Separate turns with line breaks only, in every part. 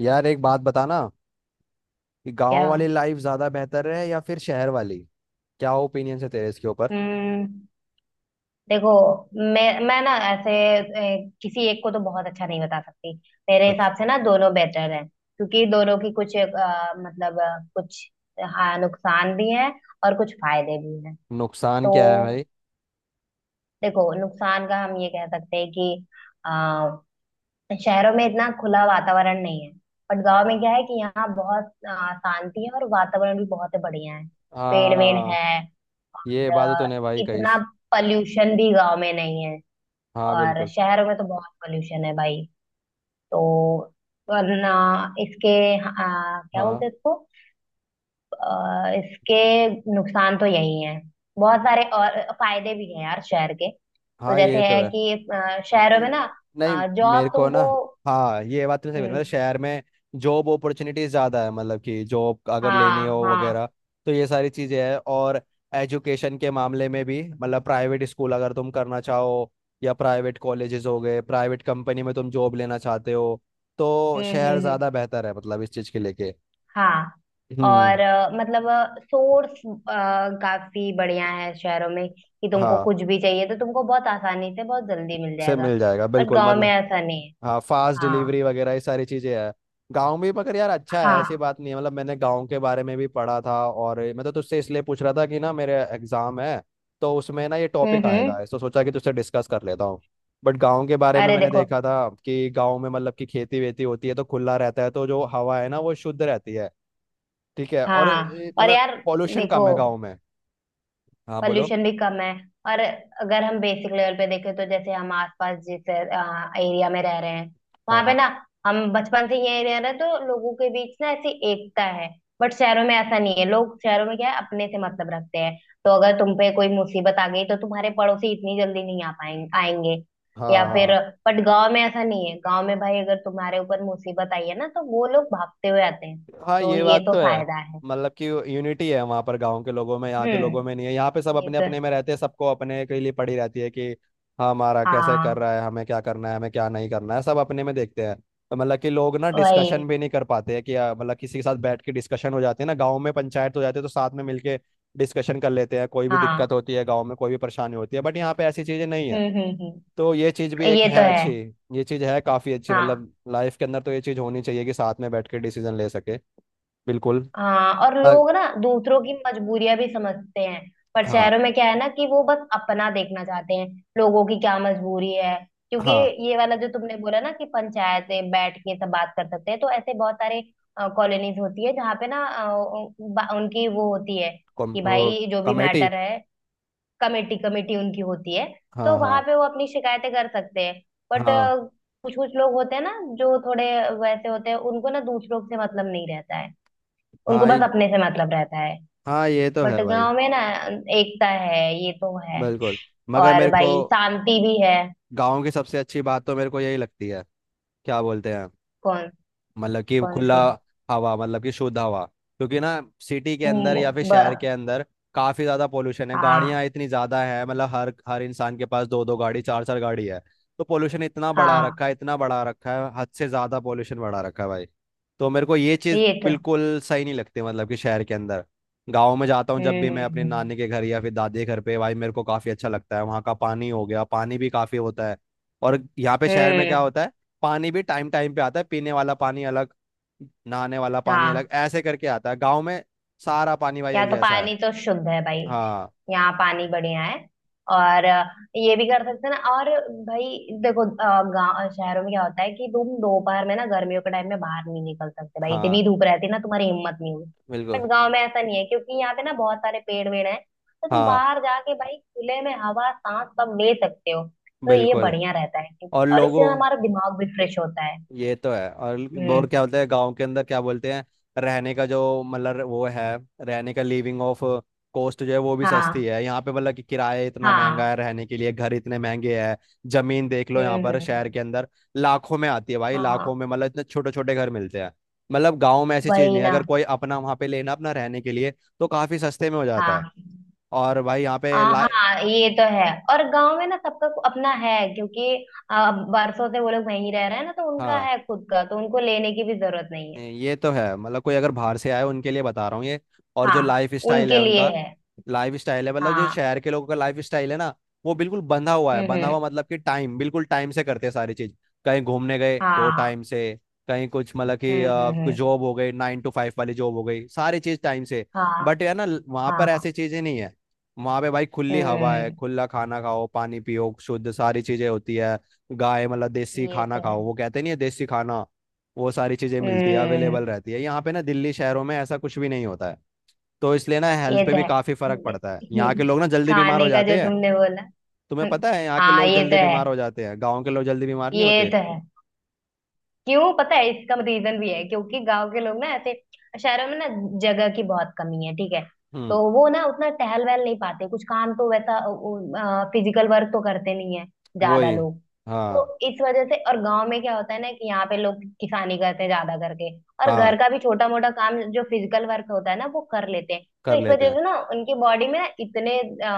यार एक बात बताना कि गांव
क्या?
वाली लाइफ ज्यादा बेहतर है या फिर शहर वाली। क्या ओपिनियन है तेरे इसके ऊपर?
हम्म। देखो, मैं ना ऐसे किसी एक को तो बहुत अच्छा नहीं बता सकती। मेरे
अच्छा।
हिसाब से ना दोनों बेटर हैं, क्योंकि दोनों की कुछ मतलब कुछ हाँ नुकसान भी हैं और कुछ फायदे भी हैं।
नुकसान
तो
क्या है भाई?
देखो, नुकसान का हम ये कह सकते हैं कि अ, शहरों में इतना खुला वातावरण नहीं है। बट गांव में क्या है कि यहाँ बहुत शांति है और वातावरण भी बहुत बढ़िया है। पेड़ वेड़
हाँ,
है।
ये बात तो
अ,
तूने भाई कही।
इतना पॉल्यूशन भी गांव में नहीं है।
हाँ
और
बिल्कुल।
शहर में तो बहुत पॉल्यूशन है भाई। तो वरना इसके अ, क्या
हाँ
बोलते हैं इसको इसके नुकसान तो यही है। बहुत सारे और फायदे भी हैं यार शहर के, तो
हाँ,
जैसे
ये तो
है
है।
कि शहरों
नहीं
में ना
नहीं, मेरे
जॉब
को ना,
तुमको।
हाँ ये बात तो सही बोली, मतलब
हम्म।
शहर में जॉब अपॉर्चुनिटीज ज़्यादा है, मतलब कि जॉब अगर लेनी
हाँ।
हो
हाँ।
वगैरह तो ये सारी चीज़ें हैं। और एजुकेशन के मामले में भी, मतलब प्राइवेट स्कूल अगर तुम करना चाहो या प्राइवेट कॉलेजेस हो गए, प्राइवेट कंपनी में तुम जॉब लेना चाहते हो तो शहर
हम्म।
ज़्यादा बेहतर है, मतलब इस चीज़ के लेके।
हाँ।
हम्म।
और मतलब सोर्स काफी बढ़िया है शहरों में कि तुमको
हाँ,
कुछ भी चाहिए तो तुमको बहुत आसानी से बहुत जल्दी मिल
से
जाएगा।
मिल जाएगा
बट
बिल्कुल,
गांव में
मतलब,
ऐसा नहीं है।
हाँ फास्ट
हाँ।
डिलीवरी वगैरह, ये सारी चीजें है गांव में। मगर यार अच्छा है, ऐसी
हाँ।
बात नहीं है, मतलब मैंने गांव के बारे में भी पढ़ा था, और मैं तो तुझसे इसलिए पूछ रहा था कि ना, मेरे एग्जाम है तो उसमें ना ये टॉपिक आएगा
हम्म।
तो सोचा कि तुझसे डिस्कस कर लेता हूँ। बट गांव के बारे में
अरे
मैंने
देखो,
देखा था कि गांव में, मतलब कि खेती वेती होती है तो खुला रहता है, तो जो हवा है ना वो शुद्ध रहती है। ठीक है और
हाँ और
मतलब
यार
पॉल्यूशन
देखो,
कम है गाँव में। हाँ बोलो।
पॉल्यूशन भी कम है। और अगर हम बेसिक लेवल पे देखें तो जैसे हम आसपास जिस एरिया में रह रहे हैं, वहां
हाँ
पे ना हम बचपन से ये रह रहे हैं तो लोगों के बीच ना ऐसी एकता है। बट शहरों में ऐसा नहीं है, लोग शहरों में क्या है अपने से मतलब रखते हैं। तो अगर तुम पे कोई मुसीबत आ गई तो तुम्हारे पड़ोसी इतनी जल्दी नहीं आ पाएंगे, आएंगे या
हाँ।
फिर।
हाँ
बट गांव में ऐसा नहीं है, गांव में भाई अगर तुम्हारे ऊपर मुसीबत आई है ना तो वो लोग भागते हुए आते हैं।
हाँ,
तो
ये
ये
बात
तो
तो है।
फायदा है।
मतलब कि यूनिटी है वहाँ पर गांव के लोगों में, यहाँ के लोगों में
हम्म।
नहीं है, यहाँ पे सब
ये
अपने
तो।
अपने में रहते हैं, सबको अपने के लिए पड़ी रहती है कि हाँ, हमारा कैसे कर
हाँ
रहा है, हमें क्या करना है, हमें क्या नहीं करना है, सब अपने में देखते हैं। तो मतलब कि लोग ना डिस्कशन
वही।
भी नहीं कर पाते हैं कि मतलब किसी के साथ बैठ के डिस्कशन हो जाते हैं ना, गाँव में पंचायत हो जाती है तो साथ में मिलके डिस्कशन कर लेते हैं, कोई भी दिक्कत
हाँ।
होती है गाँव में, कोई भी परेशानी होती है। बट यहाँ पे ऐसी चीज़ें नहीं है।
हम्म।
तो ये चीज़ भी एक
ये तो
है
है।
अच्छी। ये चीज़ है काफ़ी अच्छी,
हाँ।
मतलब लाइफ के अंदर तो ये चीज़ होनी चाहिए कि साथ में बैठ के डिसीजन ले सके। बिल्कुल।
हाँ और
अ-
लोग ना दूसरों की मजबूरियां भी समझते हैं। पर
हाँ।
शहरों में क्या है ना कि वो बस अपना देखना चाहते हैं। लोगों की क्या मजबूरी है, क्योंकि
हाँ
ये वाला जो तुमने बोला ना कि पंचायतें बैठ के सब बात कर सकते हैं तो ऐसे बहुत सारे कॉलोनीज होती है जहाँ पे ना उनकी वो होती है
कम,
कि
वो,
भाई जो भी
कमेटी।
मैटर है, कमेटी कमेटी उनकी होती है तो
हाँ
वहां
हाँ।
पे वो अपनी शिकायतें कर सकते हैं। बट
हाँ
कुछ कुछ लोग होते हैं ना जो थोड़े वैसे होते हैं, उनको ना दूसरों से मतलब नहीं रहता है। उनको
हाँ
बस अपने से मतलब रहता है।
हाँ, ये तो
बट
है भाई।
गांव में ना एकता है। ये तो है।
बिल्कुल। मगर
और
मेरे को
भाई शांति भी है।
गांव की सबसे अच्छी बात तो मेरे को यही लगती है, क्या बोलते हैं,
कौन?
मतलब कि
कौन
खुला
सी?
हवा, मतलब कि शुद्ध हवा। क्योंकि ना सिटी के अंदर
हम्म,
या फिर
ब,
शहर के अंदर काफी ज्यादा पोल्यूशन है,
हाँ।
गाड़ियां इतनी ज्यादा है, मतलब हर हर इंसान के पास दो दो गाड़ी, चार चार गाड़ी है, तो पोल्यूशन इतना बढ़ा
हाँ
रखा है, इतना बढ़ा रखा है, हद से ज्यादा पोल्यूशन बढ़ा रखा है भाई। तो मेरे को ये चीज
ये तो है।
बिल्कुल सही नहीं लगती, मतलब कि शहर के अंदर। गाँव में जाता हूँ जब भी मैं,
हम्म
अपने
हम्म
नानी के घर या फिर दादी के घर पे, भाई मेरे को काफी अच्छा लगता है, वहाँ का पानी हो गया, पानी भी काफी होता है। और यहाँ पे
हम्म।
शहर में क्या होता है, पानी भी टाइम टाइम पे आता है, पीने वाला पानी अलग, नहाने वाला पानी अलग,
हाँ।
ऐसे करके आता है। गांव में सारा पानी भाई
यहाँ
एक
तो
जैसा है।
पानी तो शुद्ध है भाई।
हाँ।
यहाँ पानी बढ़िया है। और ये भी कर सकते हैं ना। और भाई देखो गाँव शहरों में क्या होता है कि तुम दोपहर में ना गर्मियों के टाइम में बाहर नहीं निकल सकते भाई,
हाँ
इतनी धूप रहती है ना, तुम्हारी हिम्मत नहीं होगी।
बिल्कुल।
बट गाँव में ऐसा नहीं है क्योंकि यहाँ पे ना बहुत सारे पेड़ वेड़ हैं तो तुम
हाँ
बाहर जाके भाई खुले में हवा सांस सब ले सकते हो। तो ये
बिल्कुल।
बढ़िया रहता है।
और
और इससे ना
लोगों,
हमारा दिमाग भी फ्रेश होता है।
ये तो है। और
हम्म।
क्या बोलते हैं गांव के अंदर, क्या बोलते हैं, रहने का जो मतलब वो है, रहने का लिविंग ऑफ कॉस्ट जो है वो भी सस्ती
हाँ।
है। यहाँ पे मतलब कि किराया इतना महंगा है,
हाँ।
रहने के लिए घर इतने महंगे हैं, जमीन देख लो यहाँ
हम्म
पर
हम्म
शहर के
हम्म,
अंदर लाखों में आती है भाई, लाखों
हाँ।
में, मतलब इतने छोटे छोटे घर मिलते हैं। मतलब गाँव में ऐसी चीज
वही
नहीं है,
ना।
अगर कोई अपना वहाँ पे लेना अपना रहने के लिए, तो काफी सस्ते में हो जाता है।
हाँ।
और भाई यहाँ
आ,
पे ला
हाँ ये तो है। और गांव में ना सबका अपना है क्योंकि आ, बरसों से वो लोग वहीं रह रहे हैं ना तो उनका
हाँ,
है खुद का, तो उनको लेने की भी जरूरत नहीं है।
ये तो है, मतलब कोई अगर बाहर से आए उनके लिए बता रहा हूँ ये। और जो
हाँ।
लाइफ स्टाइल
उनके
है
लिए
उनका,
है।
लाइफ स्टाइल है, मतलब जो
हाँ।
शहर के लोगों का लाइफ स्टाइल है ना, वो बिल्कुल बंधा हुआ है, बंधा हुआ
हम्म।
मतलब कि टाइम, बिल्कुल टाइम से करते हैं सारी चीज, कहीं घूमने गए तो
हाँ।
टाइम से, कहीं कुछ, मतलब कि
हम्म हम्म
कुछ
हम्म,
जॉब हो गई 9 to 5 वाली जॉब हो गई, सारी चीज टाइम से।
हाँ।
बट यार ना वहां पर
हाँ।
ऐसी चीजें नहीं है, वहां पे भाई खुली हवा है,
हम्म।
खुला खाना खाओ, पानी पियो शुद्ध, सारी चीजें होती है। गाय, मतलब देसी
ये
खाना
तो है।
खाओ, वो कहते नहीं है देसी खाना, वो सारी चीजें मिलती है, अवेलेबल
हम्म।
रहती है। यहाँ पे ना दिल्ली शहरों में ऐसा कुछ भी नहीं होता है। तो इसलिए ना हेल्थ
ये
पे
तो
भी काफी फर्क पड़ता है,
है।
यहाँ के लोग ना जल्दी बीमार हो
खाने का जो
जाते हैं।
तुमने बोला।
तुम्हें पता है यहाँ के
हाँ
लोग
ये तो
जल्दी
है।
बीमार हो जाते हैं, गाँव के लोग जल्दी बीमार नहीं
ये
होते।
तो है। क्यों पता है, इसका रीजन भी है क्योंकि गांव के लोग ना ऐसे, शहरों में ना जगह की बहुत कमी है, ठीक है।
हम्म।
तो वो ना उतना टहल वहल नहीं पाते, कुछ काम तो वैसा फिजिकल वर्क तो करते नहीं है ज्यादा
वही।
लोग।
हाँ
तो इस वजह से। और गांव में क्या होता है ना कि यहाँ पे लोग किसानी करते हैं ज्यादा करके और घर
हाँ,
का भी छोटा मोटा काम जो फिजिकल वर्क होता है ना वो कर लेते हैं, तो
कर
इस
लेते
वजह
हैं।
से ना उनकी बॉडी में ना इतने अ,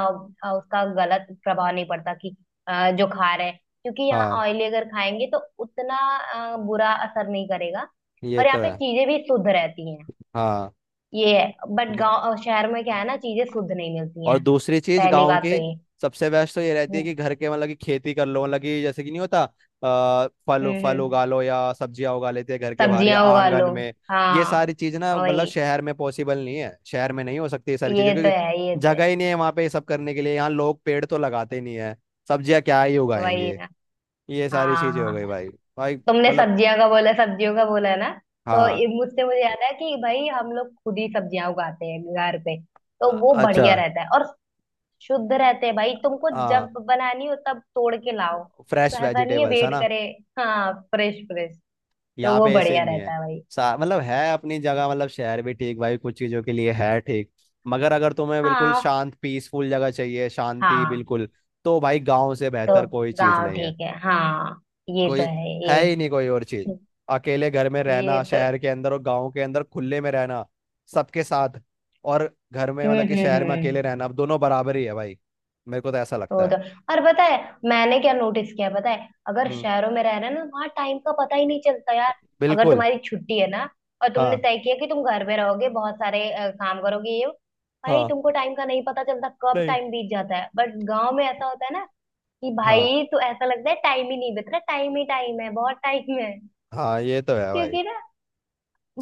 अ, उसका गलत प्रभाव नहीं पड़ता कि जो खा रहे हैं क्योंकि यहाँ
हाँ
ऑयली अगर खाएंगे तो उतना बुरा असर नहीं करेगा।
ये
और यहाँ
तो
पे
है।
चीजें भी शुद्ध रहती हैं।
हाँ
ये है। बट
ग-
गांव शहर में क्या है ना, चीजें शुद्ध नहीं मिलती
और
हैं।
दूसरी चीज
पहली
गाँव
बात तो
की
ये।
सबसे बेस्ट तो ये रहती है
हम्म
कि घर के, मतलब कि खेती कर लो, मतलब कि जैसे कि नहीं होता, आ, फल
हम्म
फल
हम्म।
उगा लो या सब्जियां उगा लेते हैं घर के बाहर या
सब्जियां उगा
आंगन
लो।
में। ये
हाँ
सारी चीज ना
वही।
मतलब शहर में पॉसिबल नहीं है, शहर में नहीं हो सकती ये सारी चीजें,
ये तो
क्योंकि
है, ये तो है।
जगह ही नहीं है वहां पे ये सब करने के लिए। यहाँ लोग पेड़ तो लगाते नहीं है, सब्जियां क्या ही
वही
उगाएंगे।
ना।
ये सारी
हाँ।
चीजें हो
हाँ
गई भाई। भाई
तुमने
मतलब,
सब्जियां का बोला सब्जियों का बोला ना, तो
हाँ।
ये मुझसे मुझे याद है कि भाई हम लोग खुद ही सब्जियां उगाते हैं घर पे। तो वो
अच्छा।
बढ़िया रहता है। और शुद्ध रहते हैं भाई, तुमको
हाँ,
जब बनानी हो तब तोड़ के लाओ,
फ्रेश
तो ऐसा नहीं है
वेजिटेबल्स है
वेट
ना।
करे। हाँ फ्रेश फ्रेश। तो
यहाँ
वो
पे ऐसे
बढ़िया
नहीं
रहता
है।
है भाई।
सा- मतलब है अपनी जगह, मतलब शहर भी ठीक भाई कुछ चीजों के लिए है, ठीक, मगर अगर तुम्हें बिल्कुल
हाँ।
शांत पीसफुल जगह चाहिए, शांति
हाँ
बिल्कुल, तो भाई गांव से
तो
बेहतर कोई चीज
गाँव
नहीं है।
ठीक है हाँ। ये तो
कोई
है ये।
है ही नहीं कोई और चीज। अकेले घर में
ये
रहना
तो।
शहर के अंदर, और गांव के अंदर खुले में रहना सबके साथ, और घर में मतलब कि शहर में अकेले
हम्म।
रहना, अब दोनों बराबर ही है भाई। मेरे को तो ऐसा लगता
वो
है।
तो। और पता है मैंने क्या नोटिस किया है, पता है अगर
हम्म।
शहरों में रह रहे हैं ना वहां टाइम का पता ही नहीं चलता यार। अगर
बिल्कुल।
तुम्हारी छुट्टी है ना और तुमने
हाँ
तय किया कि तुम घर पे रहोगे, बहुत सारे काम करोगे ये वो, भाई
हाँ।
तुमको टाइम का नहीं पता चलता, कब
नहीं
टाइम बीत जाता है। बट गांव में ऐसा होता है ना कि
हाँ।
भाई तो ऐसा लगता है टाइम ही नहीं बीत रहा, टाइम ही टाइम है, बहुत टाइम है।
हाँ ये तो है भाई।
क्योंकि ना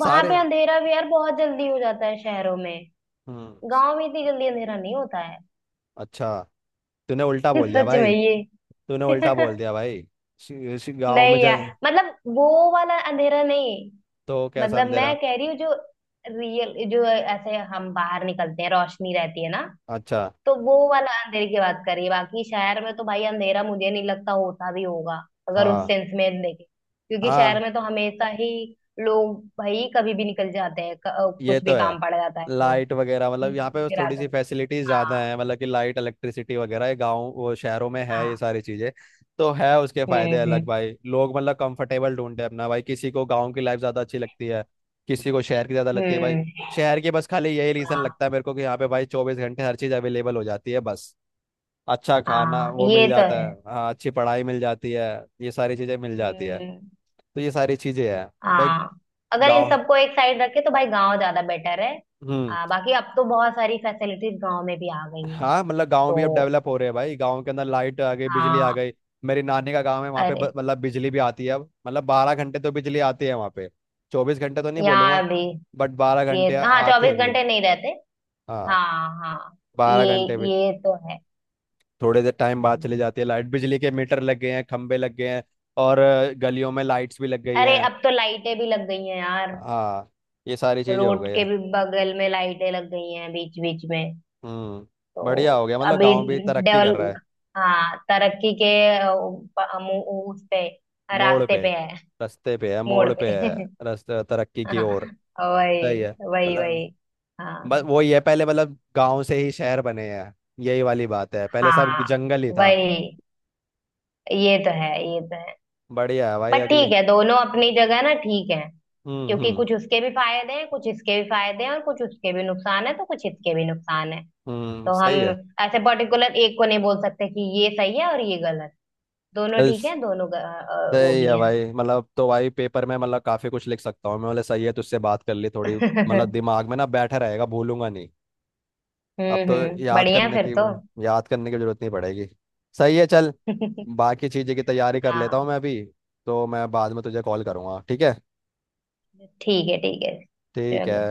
वहां
सारे,
पे अंधेरा भी यार बहुत जल्दी हो जाता है शहरों में,
हम्म।
गांव में इतनी जल्दी अंधेरा नहीं होता है।
अच्छा, तूने उल्टा बोल दिया
सच में
भाई,
ये।
तूने उल्टा बोल दिया भाई। सी- सी- गाँव में
नहीं
जा,
यार मतलब वो वाला अंधेरा नहीं,
तो कैसा
मतलब मैं
अंधेरा?
कह रही हूँ जो रियल, जो ऐसे हम बाहर निकलते हैं रोशनी रहती है ना,
अच्छा।
तो वो वाला अंधेरे की बात कर रही है। बाकी शहर में तो भाई अंधेरा मुझे नहीं लगता, होता भी होगा अगर उस
हाँ।
सेंस में देखें, क्योंकि शहर
हाँ
में तो हमेशा ही लोग भाई कभी भी निकल जाते हैं,
ये
कुछ
तो
भी
है।
काम पड़ जाता है तो।
लाइट वगैरह,
ये
मतलब यहाँ पे
दिख रहा
थोड़ी सी
था।
फैसिलिटीज ज़्यादा
हाँ।
है, मतलब कि लाइट इलेक्ट्रिसिटी वगैरह, ये गाँव वो शहरों में है ये
हाँ।
सारी चीज़ें तो है। उसके फायदे
हम्म
अलग,
हम्म
भाई लोग मतलब कंफर्टेबल ढूंढते हैं अपना, भाई किसी को गाँव की लाइफ ज़्यादा अच्छी लगती है, किसी को शहर की ज़्यादा लगती है भाई।
हम्म।
शहर की बस खाली यही रीज़न
हाँ।
लगता है मेरे को कि यहाँ पे भाई 24 घंटे हर चीज़ अवेलेबल हो जाती है बस। अच्छा खाना
हाँ
वो
ये
मिल
तो
जाता
है।
है, हाँ अच्छी पढ़ाई मिल जाती है, ये सारी चीजें मिल जाती है,
हम्म।
तो ये सारी चीजें हैं भाई।
हाँ अगर इन
गांव।
सबको एक साइड रखे तो भाई गांव ज्यादा बेटर है।
हम्म।
आ, बाकी अब तो बहुत सारी फैसिलिटीज गांव में भी आ गई हैं।
हाँ, मतलब गांव
तो
भी अब डेवलप हो रहे हैं भाई, गांव के अंदर लाइट आ गई, बिजली आ
हाँ।
गई। मेरी नानी का गांव है वहाँ पे
अरे
मतलब बिजली भी आती है अब, मतलब 12 घंटे तो बिजली आती है वहाँ पे, 24 घंटे तो नहीं
यहाँ
बोलूंगा,
भी।
बट बारह
ये
घंटे
हाँ
आती
चौबीस
है बिजली।
घंटे नहीं रहते।
हाँ।
हाँ। हाँ
बारह
ये।
घंटे भी
ये तो है।
थोड़े देर टाइम बाद चली
हम्म।
जाती है लाइट। बिजली के मीटर लग गए हैं, खंबे लग गए हैं, और गलियों में लाइट्स भी लग गई
अरे
हैं।
अब तो लाइटें भी लग गई हैं यार।
हाँ, ये सारी चीजें हो
रोड
गई
के
है।
भी बगल में लाइटें लग गई हैं बीच बीच में।
हम्म।
तो
बढ़िया हो गया, मतलब
अभी
गांव भी तरक्की कर
डेवल
रहा है।
हाँ तरक्की के अ, प- अ, मु- उस पे,
मोड़
रास्ते
पे,
पे है,
रास्ते पे है,
मोड़
मोड़ पे है,
पे।
रास्ते तरक्की की ओर।
वही
सही है,
वही
मतलब
वही।
बस
हाँ।
वही है, पहले मतलब गांव से ही शहर बने हैं, यही वाली बात है, पहले सब
हाँ
जंगल ही था।
वही। ये तो है, ये तो है।
बढ़िया है भाई
बट
अगले।
ठीक है दोनों अपनी जगह ना, ठीक है।
हम्म
क्योंकि
हम्म
कुछ उसके भी फायदे हैं, कुछ इसके भी फायदे हैं, और कुछ उसके भी नुकसान है, तो कुछ इसके भी नुकसान है।
हम्म।
तो हम
सही है
ऐसे पर्टिकुलर एक को नहीं बोल सकते कि ये सही है और ये गलत। दोनों
चल।
ठीक है, दोनों वो
सही
भी
है
हैं।
भाई, मतलब तो भाई पेपर में मतलब काफी कुछ लिख सकता हूँ मैं, बोले सही है, तुझसे बात कर ली थोड़ी, मतलब दिमाग में ना बैठा रहेगा, भूलूंगा नहीं। अब तो याद
बढ़िया
करने
फिर
की,
तो।
याद करने की जरूरत नहीं पड़ेगी। सही है चल, बाकी चीज़ें की तैयारी कर लेता हूँ
हाँ
मैं अभी, तो मैं बाद में तुझे कॉल करूँगा, ठीक है?
ठीक है, ठीक है।
ठीक है।
चलो।